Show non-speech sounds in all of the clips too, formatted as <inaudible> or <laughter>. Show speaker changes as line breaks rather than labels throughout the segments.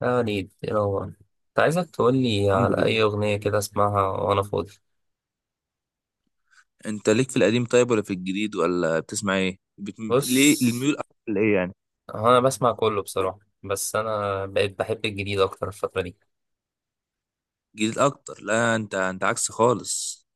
يعني يلا، انت عايزك تقولي
الحمد
على
لله.
أي أغنية كده أسمعها وأنا فاضي.
انت ليك في القديم طيب ولا في الجديد ولا بتسمع ايه؟
بص،
ليه الميول اكتر لايه يعني؟
هو أنا بسمع كله بصراحة، بس أنا بقيت بحب الجديد أكتر الفترة دي
جديد اكتر؟ لا، انت عكس خالص.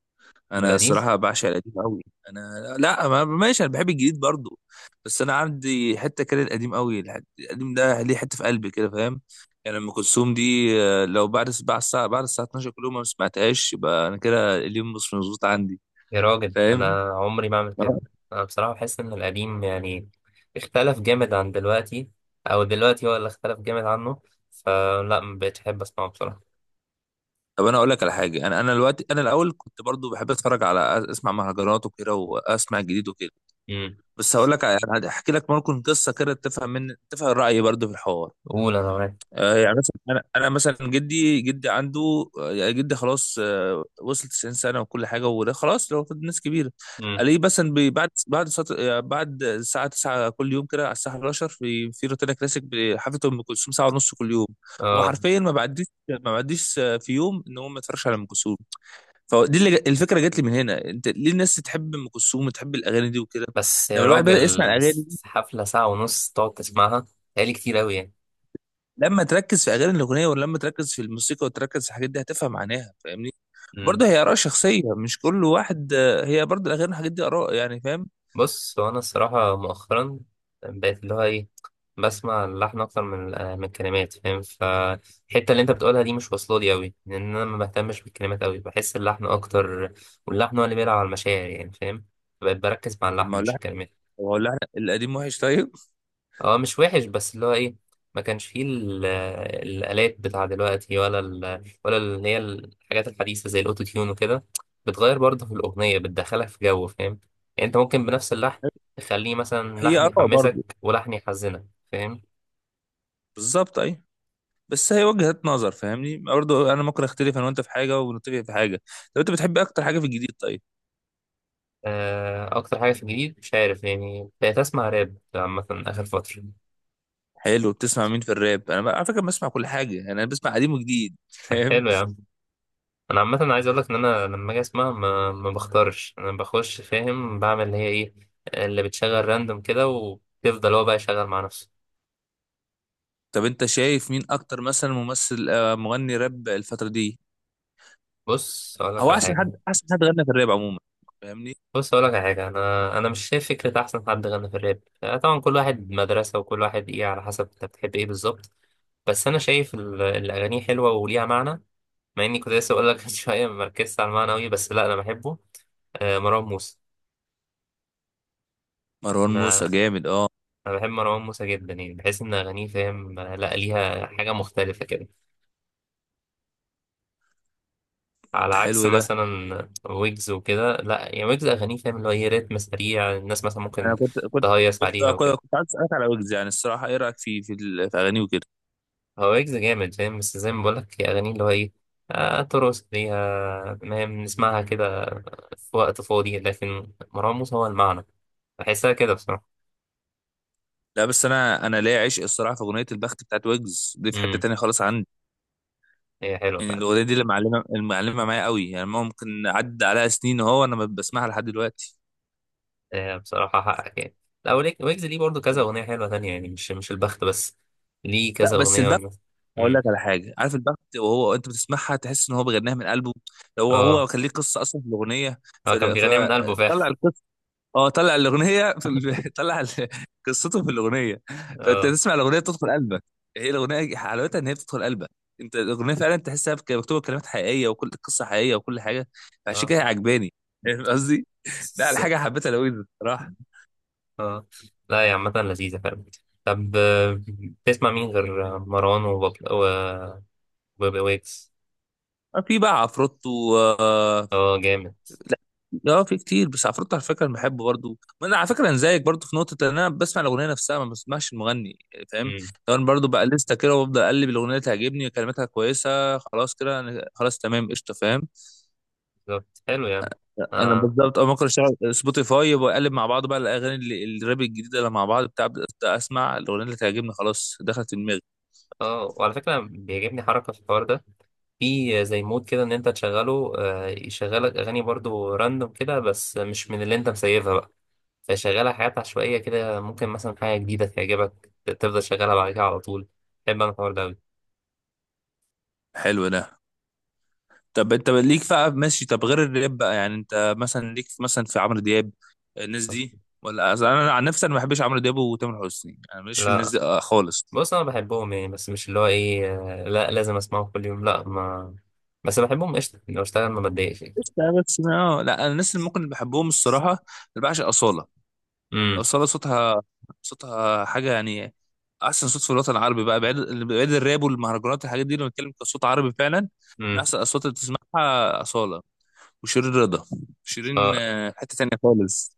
من
انا
القديم.
الصراحه بعشق القديم قوي. انا لا، ما... ماشي، انا بحب الجديد برضو، بس انا عندي حته كده القديم قوي. القديم ده ليه حته في قلبي كده، فاهم؟ يعني ام كلثوم دي، آه، لو بعد الساعه 12 كل يوم ما سمعتهاش، يبقى انا كده اليوم مش مظبوط عندي،
يا راجل،
فاهم؟
أنا عمري ما أعمل كده. أنا بصراحة بحس إن القديم يعني اختلف جامد عن دلوقتي، أو دلوقتي هو اللي اختلف جامد عنه، فلا ما بقتش أحب أسمعه بصراحة.
طب انا اقول لك على حاجه. انا دلوقتي، انا الاول كنت برضو بحب اتفرج على اسمع مهرجانات وكده، واسمع الجديد وكده.
امم.
بس يعني هحكي لك ممكن قصه كده تفهم، من تفهم رايي برضو في الحوار.
قول، أنا معاك.
آه، يعني مثلا انا مثلا جدي عنده، آه، يعني جدي خلاص، آه، وصل 90 سنه وكل حاجه، وده خلاص لو ناس كبيره.
امم.
الاقيه مثلا يعني بعد الساعه 9 كل يوم كده، على الساعه 11 في روتانا كلاسيك بحفله ام كلثوم ساعه ونص كل يوم. هو
آه.
حرفيا ما بعديش، آه، في يوم ان هو ما يتفرجش على ام كلثوم. فدي اللي، الفكره جت لي من هنا. انت ليه الناس تحب ام كلثوم وتحب الاغاني دي وكده؟
بس يا
لما الواحد بدا يسمع
راجل،
الاغاني،
حفلة ساعة ونص تقعد تسمعها، هي كتير أوي.
لما تركز في الاغنيه، ولا لما تركز في الموسيقى وتركز في الحاجات دي، هتفهم معناها، فاهمني؟
يعني
برضه هي اراء شخصيه، مش كل واحد، آه، هي برضه الاغاني والحاجات دي اراء، يعني فاهم.
بص، هو انا الصراحه مؤخرا بقيت اللي هو ايه، بسمع اللحن اكتر من من الكلمات، فاهم؟ فالحته اللي انت بتقولها دي مش واصله لي قوي، لان انا ما بهتمش بالكلمات قوي، بحس اللحن اكتر، واللحن هو اللي بيلعب على المشاعر، يعني فاهم. فبقيت بركز مع
طب
اللحن
ما هو
مش
اللحن؟
الكلمات.
طب ما هو اللحن القديم وحش طيب؟
هو مش وحش، بس اللي هو ايه، ما كانش فيه الآلات بتاع دلوقتي، ولا ولا اللي هي الحاجات الحديثة زي الأوتو تيون وكده. بتغير برضه في الأغنية، بتدخلك في جو فاهم. يعني أنت ممكن بنفس اللحن تخليه مثلا
هي
لحن
اراء برضه.
يحمسك ولحن يحزنك، فاهم؟
بالظبط اي. بس هي وجهات نظر، فاهمني؟ برضه انا ممكن اختلف انا وانت في حاجه، ونتفق في حاجه. طب انت بتحب اكتر حاجه في الجديد طيب؟
آه، أكتر حاجة في الجديد مش عارف يعني، بقيت أسمع راب عامة آخر فترة.
حلو، بتسمع مين في الراب؟ على فكره بسمع كل حاجه، يعني انا بسمع قديم وجديد
طب حلو
<laughs>
يا عم، انا عامه عايز اقول لك ان انا لما اجي اسمع ما بختارش، انا بخش فاهم، بعمل اللي هي ايه اللي بتشغل راندوم كده، وبيفضل هو بقى يشغل مع نفسه.
طب انت شايف مين اكتر، مثلا ممثل، آه، مغني راب الفتره دي؟
بص اقول لك
هو
على حاجه
احسن حد غنى في الراب عموما؟ فاهمني.
بص اقول لك على حاجه، انا مش شايف فكره احسن حد غنى في الراب، طبعا كل واحد مدرسه، وكل واحد ايه على حسب انت بتحب ايه بالظبط. بس انا شايف الاغاني حلوه وليها معنى. مع اني كنت لسه اقول لك <laughs> من شويه ما مركزتش على المعنى قوي، بس لا، انا بحبه. آه، مروان موسى.
مروان
انا
موسى جامد، اه.
انا بحب مروان موسى جدا، يعني بحس ان اغانيه فاهم، لا ليها حاجه مختلفه كده. على
ده
عكس
حلو ده.
مثلا ويجز وكده، لا يعني ويجز اغانيه فاهم اللي هو ايه رتم سريع، الناس مثلا ممكن
انا
تهيص عليها وكده.
كنت عايز اسالك على ويجز. يعني الصراحه ايه رايك في اغانيه وكده؟
هو ويجز جامد فاهم، بس زي ما بقولك هي اغانيه اللي هو ايه، ترقص ليها فاهم، نسمعها كده في وقت فاضي، لكن مروان موسى هو المعنى، بحسها كده بصراحه.
لا، بس انا ليا عشق الصراحه في اغنيه البخت بتاعت ويجز دي، في حته
امم.
تانية خالص عندي.
هي حلوه
يعني
فعلا.
الاغنيه دي اللي المعلمه معايا قوي، يعني ممكن عدى عليها سنين اهو، انا بسمعها لحد دلوقتي.
آه، بصراحة حقك يعني. لا، ويجز ليه برضه كذا أغنية حلوة تانية، يعني مش البخت بس، ليه
لا
كذا
بس
أغنية
البخت.
والناس-.
اقول
مم.
لك على حاجه. عارف البخت؟ وهو انت بتسمعها تحس ان هو بيغنيها من قلبه. لو هو
اه.
هو كان ليه قصه اصلا في الاغنيه.
هو كان بيغنيها من قلبه
فطلع
فعلا.
القصه. اه، طلع الاغنيه
<laughs>
<laughs> قصته في الاغنيه. فانت
اه.
تسمع الاغنيه تدخل قلبك. هي الاغنيه حلاوتها ان هي بتدخل قلبك. انت الاغنيه فعلا تحسها، مكتوبه كلمات حقيقيه، وكل قصه حقيقيه، وكل حاجه. فعشان
اه.
كده هي عجباني. فاهم قصدي؟ ده على
س...
حاجه حبيتها لويز، بصراحه.
اه. لا يا عامة لذيذة فعلا. طب بتسمع مين غير مروان وبابل وبابي ويجز؟
في بقى عفروتو، آه.
اه، جامد.
لا اه، في كتير، بس عفروتو على فكره انا بحبه برضه. ما انا على فكره انا زيك برضه في نقطه، ان انا بسمع الاغنيه نفسها، ما بسمعش المغني، فاهم؟
مم.
لو انا برضه بقى لسه كده، وبفضل اقلب الاغنيه، تعجبني كلماتها كويسه، خلاص كده أنا خلاص تمام قشطه، فاهم؟
بالظبط، حلو يعني.
انا
اه.
بالظبط اه، ممكن اشتغل سبوتيفاي وبقلب مع بعض بقى الاغاني الراب الجديده اللي مع بعض بتاع، أبدأ اسمع الاغنيه اللي تعجبني، خلاص دخلت دماغي.
اه، وعلى فكرة بيعجبني حركة في الحوار ده، في زي مود كده ان انت تشغله يشغلك اغاني برضو راندوم كده، بس مش من اللي انت مسيفها بقى. فيشغلها حاجات عشوائية كده، ممكن مثلا حاجة جديدة تعجبك تفضل شغالها بعد كده على طول. بحب انا الحوار ده أوي.
حلو ده. طب انت ليك بقى ماشي، طب غير الراب بقى؟ يعني انت مثلا ليك مثلا في عمرو دياب، الناس دي؟ ولا أصل انا عن نفسي انا ما بحبش عمرو دياب وتامر حسني، انا ماليش في الناس
لا،
دي آه، خالص.
بص انا بحبهم يعني، بس مش اللي هو ايه، لا لازم اسمعه كل يوم، لا ما. بس بحبهم قشطة يعني، لو اشتغل ما بتضايقش يعني.
بس بس ما، لا، انا الناس اللي ممكن اللي بحبهم الصراحه، اللي بعشق اصاله.
امم.
اصاله صوتها، صوتها حاجه يعني، احسن صوت في الوطن العربي، بقى بعيد. بعيد الراب والمهرجانات، الحاجات دي لما بنتكلم كصوت عربي فعلا. من
امم.
احسن الاصوات اللي تسمعها اصاله، وشيرين رضا. شيرين،
اه.
آه، حته تانيه خالص.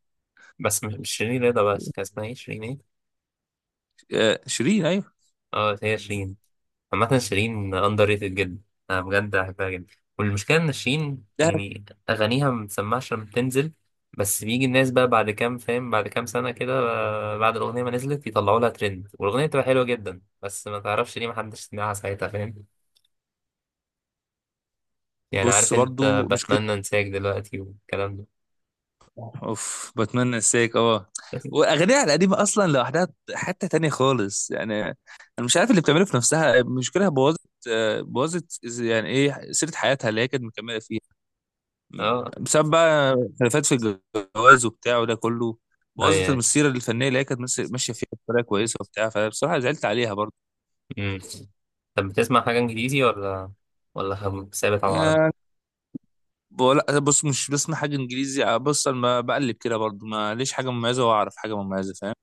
بس مش شيرين رضا بس، كان اسمها ايه؟ شيرين ايه؟
آه، شيرين ايوه.
اه، هي شيرين. عامة شيرين أندر ريتد جدا، أنا بجد بحبها جدا. والمشكلة إن شيرين يعني أغانيها ما بتسمعش لما بتنزل. بس بيجي الناس بقى بعد كام، فاهم، بعد كام سنة كده، بعد الأغنية ما نزلت يطلعوا لها ترند، والأغنية بتبقى حلوة جدا، بس ما تعرفش ليه محدش سمعها ساعتها، فاهم؟ يعني
بص
عارف أنت،
برضو مش كده.
بتمنى أنساك دلوقتي والكلام ده.
اوف، بتمنى انساك، اه.
بس.
واغانيها القديمه اصلا لوحدها حته تانية خالص. يعني انا مش عارف اللي بتعمله في نفسها مشكلة، بوظت، آه، يعني ايه سيره حياتها اللي هي كانت مكمله فيها.
أه.
بسبب بقى خلافات في الجواز وبتاع وده كله.
أه.
بوظت
يعني.
المسيره الفنيه اللي هي كانت ماشيه فيها بطريقه كويسه وبتاع. فبصراحه زعلت عليها برضو.
مم. طب بتسمع حاجة إنجليزي، ولا ثابت على العربي؟
يعني لا، بص، مش بسمع حاجه انجليزي، آه، بص انا ما بقلب كده برضو، ما ليش حاجه مميزه واعرف حاجه مميزه، فاهم؟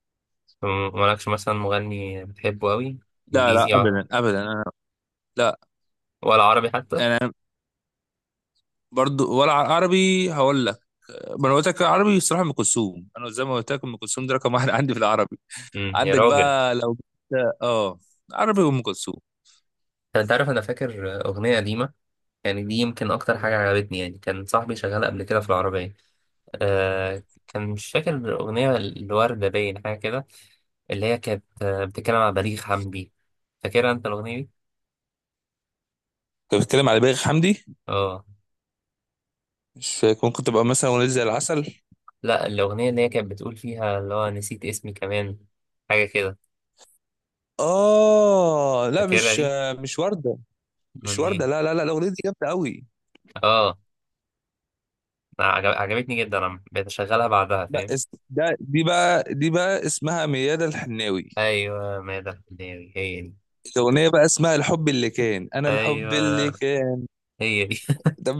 مالكش مثلا مغني بتحبه أوي
لا لا،
إنجليزي ولا،
ابدا ابدا. لا
عربي حتى؟
يعني أنا برضو، ولا عربي هقول لك. ما انا قلت لك عربي الصراحه، ام كلثوم. انا زي ما قلت لك ام كلثوم دي رقم واحد <laughs> عندي في العربي.
يا
عندك
راجل.
بقى لو، اه، عربي، وام كلثوم.
انت عارف انا فاكر اغنيه قديمه، يعني دي يمكن اكتر حاجه عجبتني، يعني كان صاحبي شغال قبل كده في العربيه. كان مش فاكر الاغنيه، الورده باين حاجه كده، اللي هي كانت بتتكلم عن بليغ حمدي. فاكرها انت الاغنيه دي؟
كنت بتتكلم على بليغ حمدي.
اه
مش فاكر، ممكن تبقى مثلا اغنيه زي العسل؟
لا، الاغنيه اللي هي كانت بتقول فيها اللي هو نسيت اسمي كمان، حاجه كده،
اه لا،
فاكرها
مش،
دي؟
مش ورده. مش
من
ورده،
مين؟
لا لا لا، الاغنيه دي جامده قوي.
اه، عجبتني جدا، انا بقيت اشغلها بعدها
لا
فاهم.
ده دي بقى اسمها ميادة الحناوي.
ايوه، ماذا؟ هي دي، هي دي.
الاغنيه بقى اسمها الحب اللي كان، انا الحب اللي
ايوه،
كان،
هي دي. <laughs>
ده.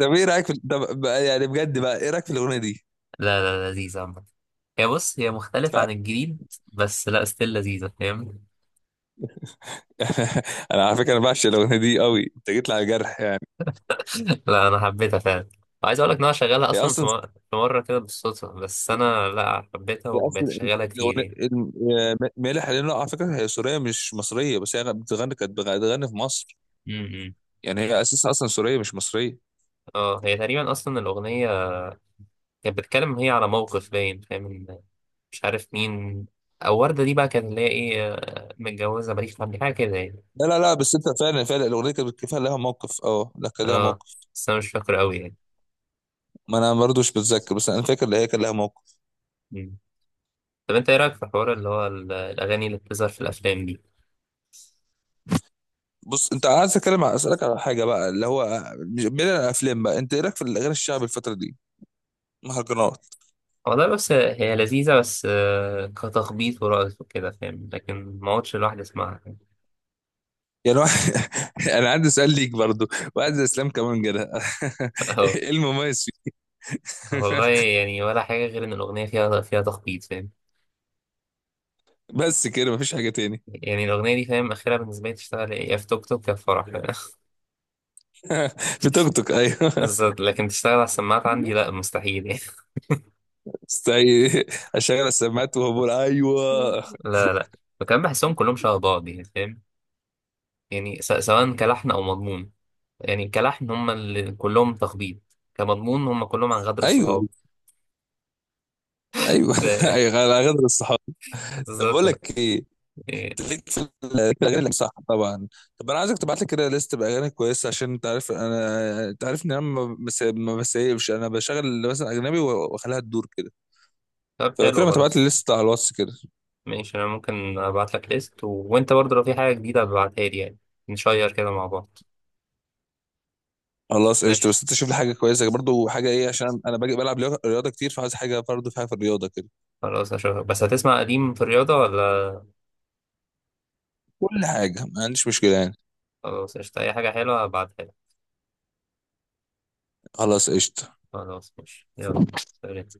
طب ايه رايك يعني بجد بقى، ايه رايك في الاغنيه دي؟
لا لا، لذيذة. هي بص، هي
ف...
مختلفة عن الجديد، بس لا، ستيل لذيذة فاهم.
<laughs> انا على فكره انا بعشق الاغنيه دي قوي، انت جيت لي على جرح يعني.
<laughs> لا، أنا حبيتها فعلا، وعايز أقول لك إن أنا شغالها
هي
أصلا
اصلا
في مرة كده بالصدفة، بس أنا لا، حبيتها
هي
وبقيت
اصلا
أشغلها كتير
الاغنيه
يعني.
مالح، لانه على فكره هي سوريه مش مصريه، بس هي كانت بتغني في مصر.
امم.
يعني هي اساسا اصلا سوريه مش مصريه.
اه، هي تقريبا أصلا الأغنية كانت بتتكلم، هي على موقف باين فاهم إن، مش عارف مين، أو وردة دي بقى كانت اللي هي إيه، متجوزة ماليش حد، حاجة كده يعني.
لا لا لا، بس انت فعلا فعلا الاغنيه كانت كفايه لها موقف، اه لا، كان لها
اه،
موقف.
بس أنا مش فاكر أوي يعني.
ما انا برضه مش بتذكر، بس انا فاكر ان هي كان لها موقف.
مم. طب أنت إيه رأيك في الحوار اللي هو الأغاني اللي بتظهر في الأفلام دي؟
بص، انت عايز اتكلم على اسالك على حاجه بقى، اللي هو بعيد عن الافلام بقى، انت ايه رايك في الاغاني الشعبي الفتره دي؟ مهرجانات.
والله بس هي لذيذة، بس كتخبيط ورقص وكده فاهم، لكن ما اقعدش لوحدي اسمعها. <laughs>
يعني واحد <laughs> انا عندي سؤال ليك برضو. واحد زي اسلام كمان كده <laughs>
اه،
ايه المميز فيه؟
والله
<laughs>
يعني ولا حاجة، غير ان الأغنية فيها تخبيط فاهم.
بس كده، مفيش حاجه تاني.
يعني الأغنية دي فاهم، آخرها بالنسبة لي تشتغل يا في توك توك يا في فرح، فاهم؟
<laughs> في توك توك،
<laughs>
ايوه <laughs>
بالظبط، لكن تشتغل على السماعات عندي لا، مستحيل يعني.
استعي اشغل السماعات، وهو بقول ايوه؟
<laughs> لا، لا. وكمان بحسهم كلهم شبه بعض يعني فاهم. يعني سواء كلحن أو مضمون، يعني كلحن هم اللي كلهم تخبيط، كمضمون هم كلهم عن غدر
ايوه،
الصحاب.
ايوه
<laughs>
<laughs>
ف-
ايوه، على غدر الصحاب. طب بقول لك
بالظبط
ايه،
يعني.
ليك في الاغاني، صح طبعا؟ طب انا عايزك تبعت لي كده ليست باغاني كويسه، عشان انت عارف انا، انت عارف ان انا ما ما بسيبش، انا بشغل مثلا اجنبي واخليها تدور كده.
طب
فلو كده
حلو
ما تبعت لي
خلاص.
ليست على الواتس كده.
ماشي، انا ممكن ابعت لك ليست وانت برضه لو في حاجه جديده ابعتها لي يعني، نشير كده مع بعض.
خلاص
ماشي
قشطة، بس انت شوف لي حاجة كويسة برضو، حاجة ايه؟ عشان انا باجي بلعب رياضة رياضة كتير، فعايز حاجة برضو فيها في الرياضة كده.
خلاص، اشوفك. بس هتسمع قديم في الرياضه ولا؟
كل حاجة ما عنديش مشكلة يعني.
خلاص قشطة، اي حاجه حلوه ابعتها لك.
خلاص قشطة.
خلاص ماشي يلا، سلام.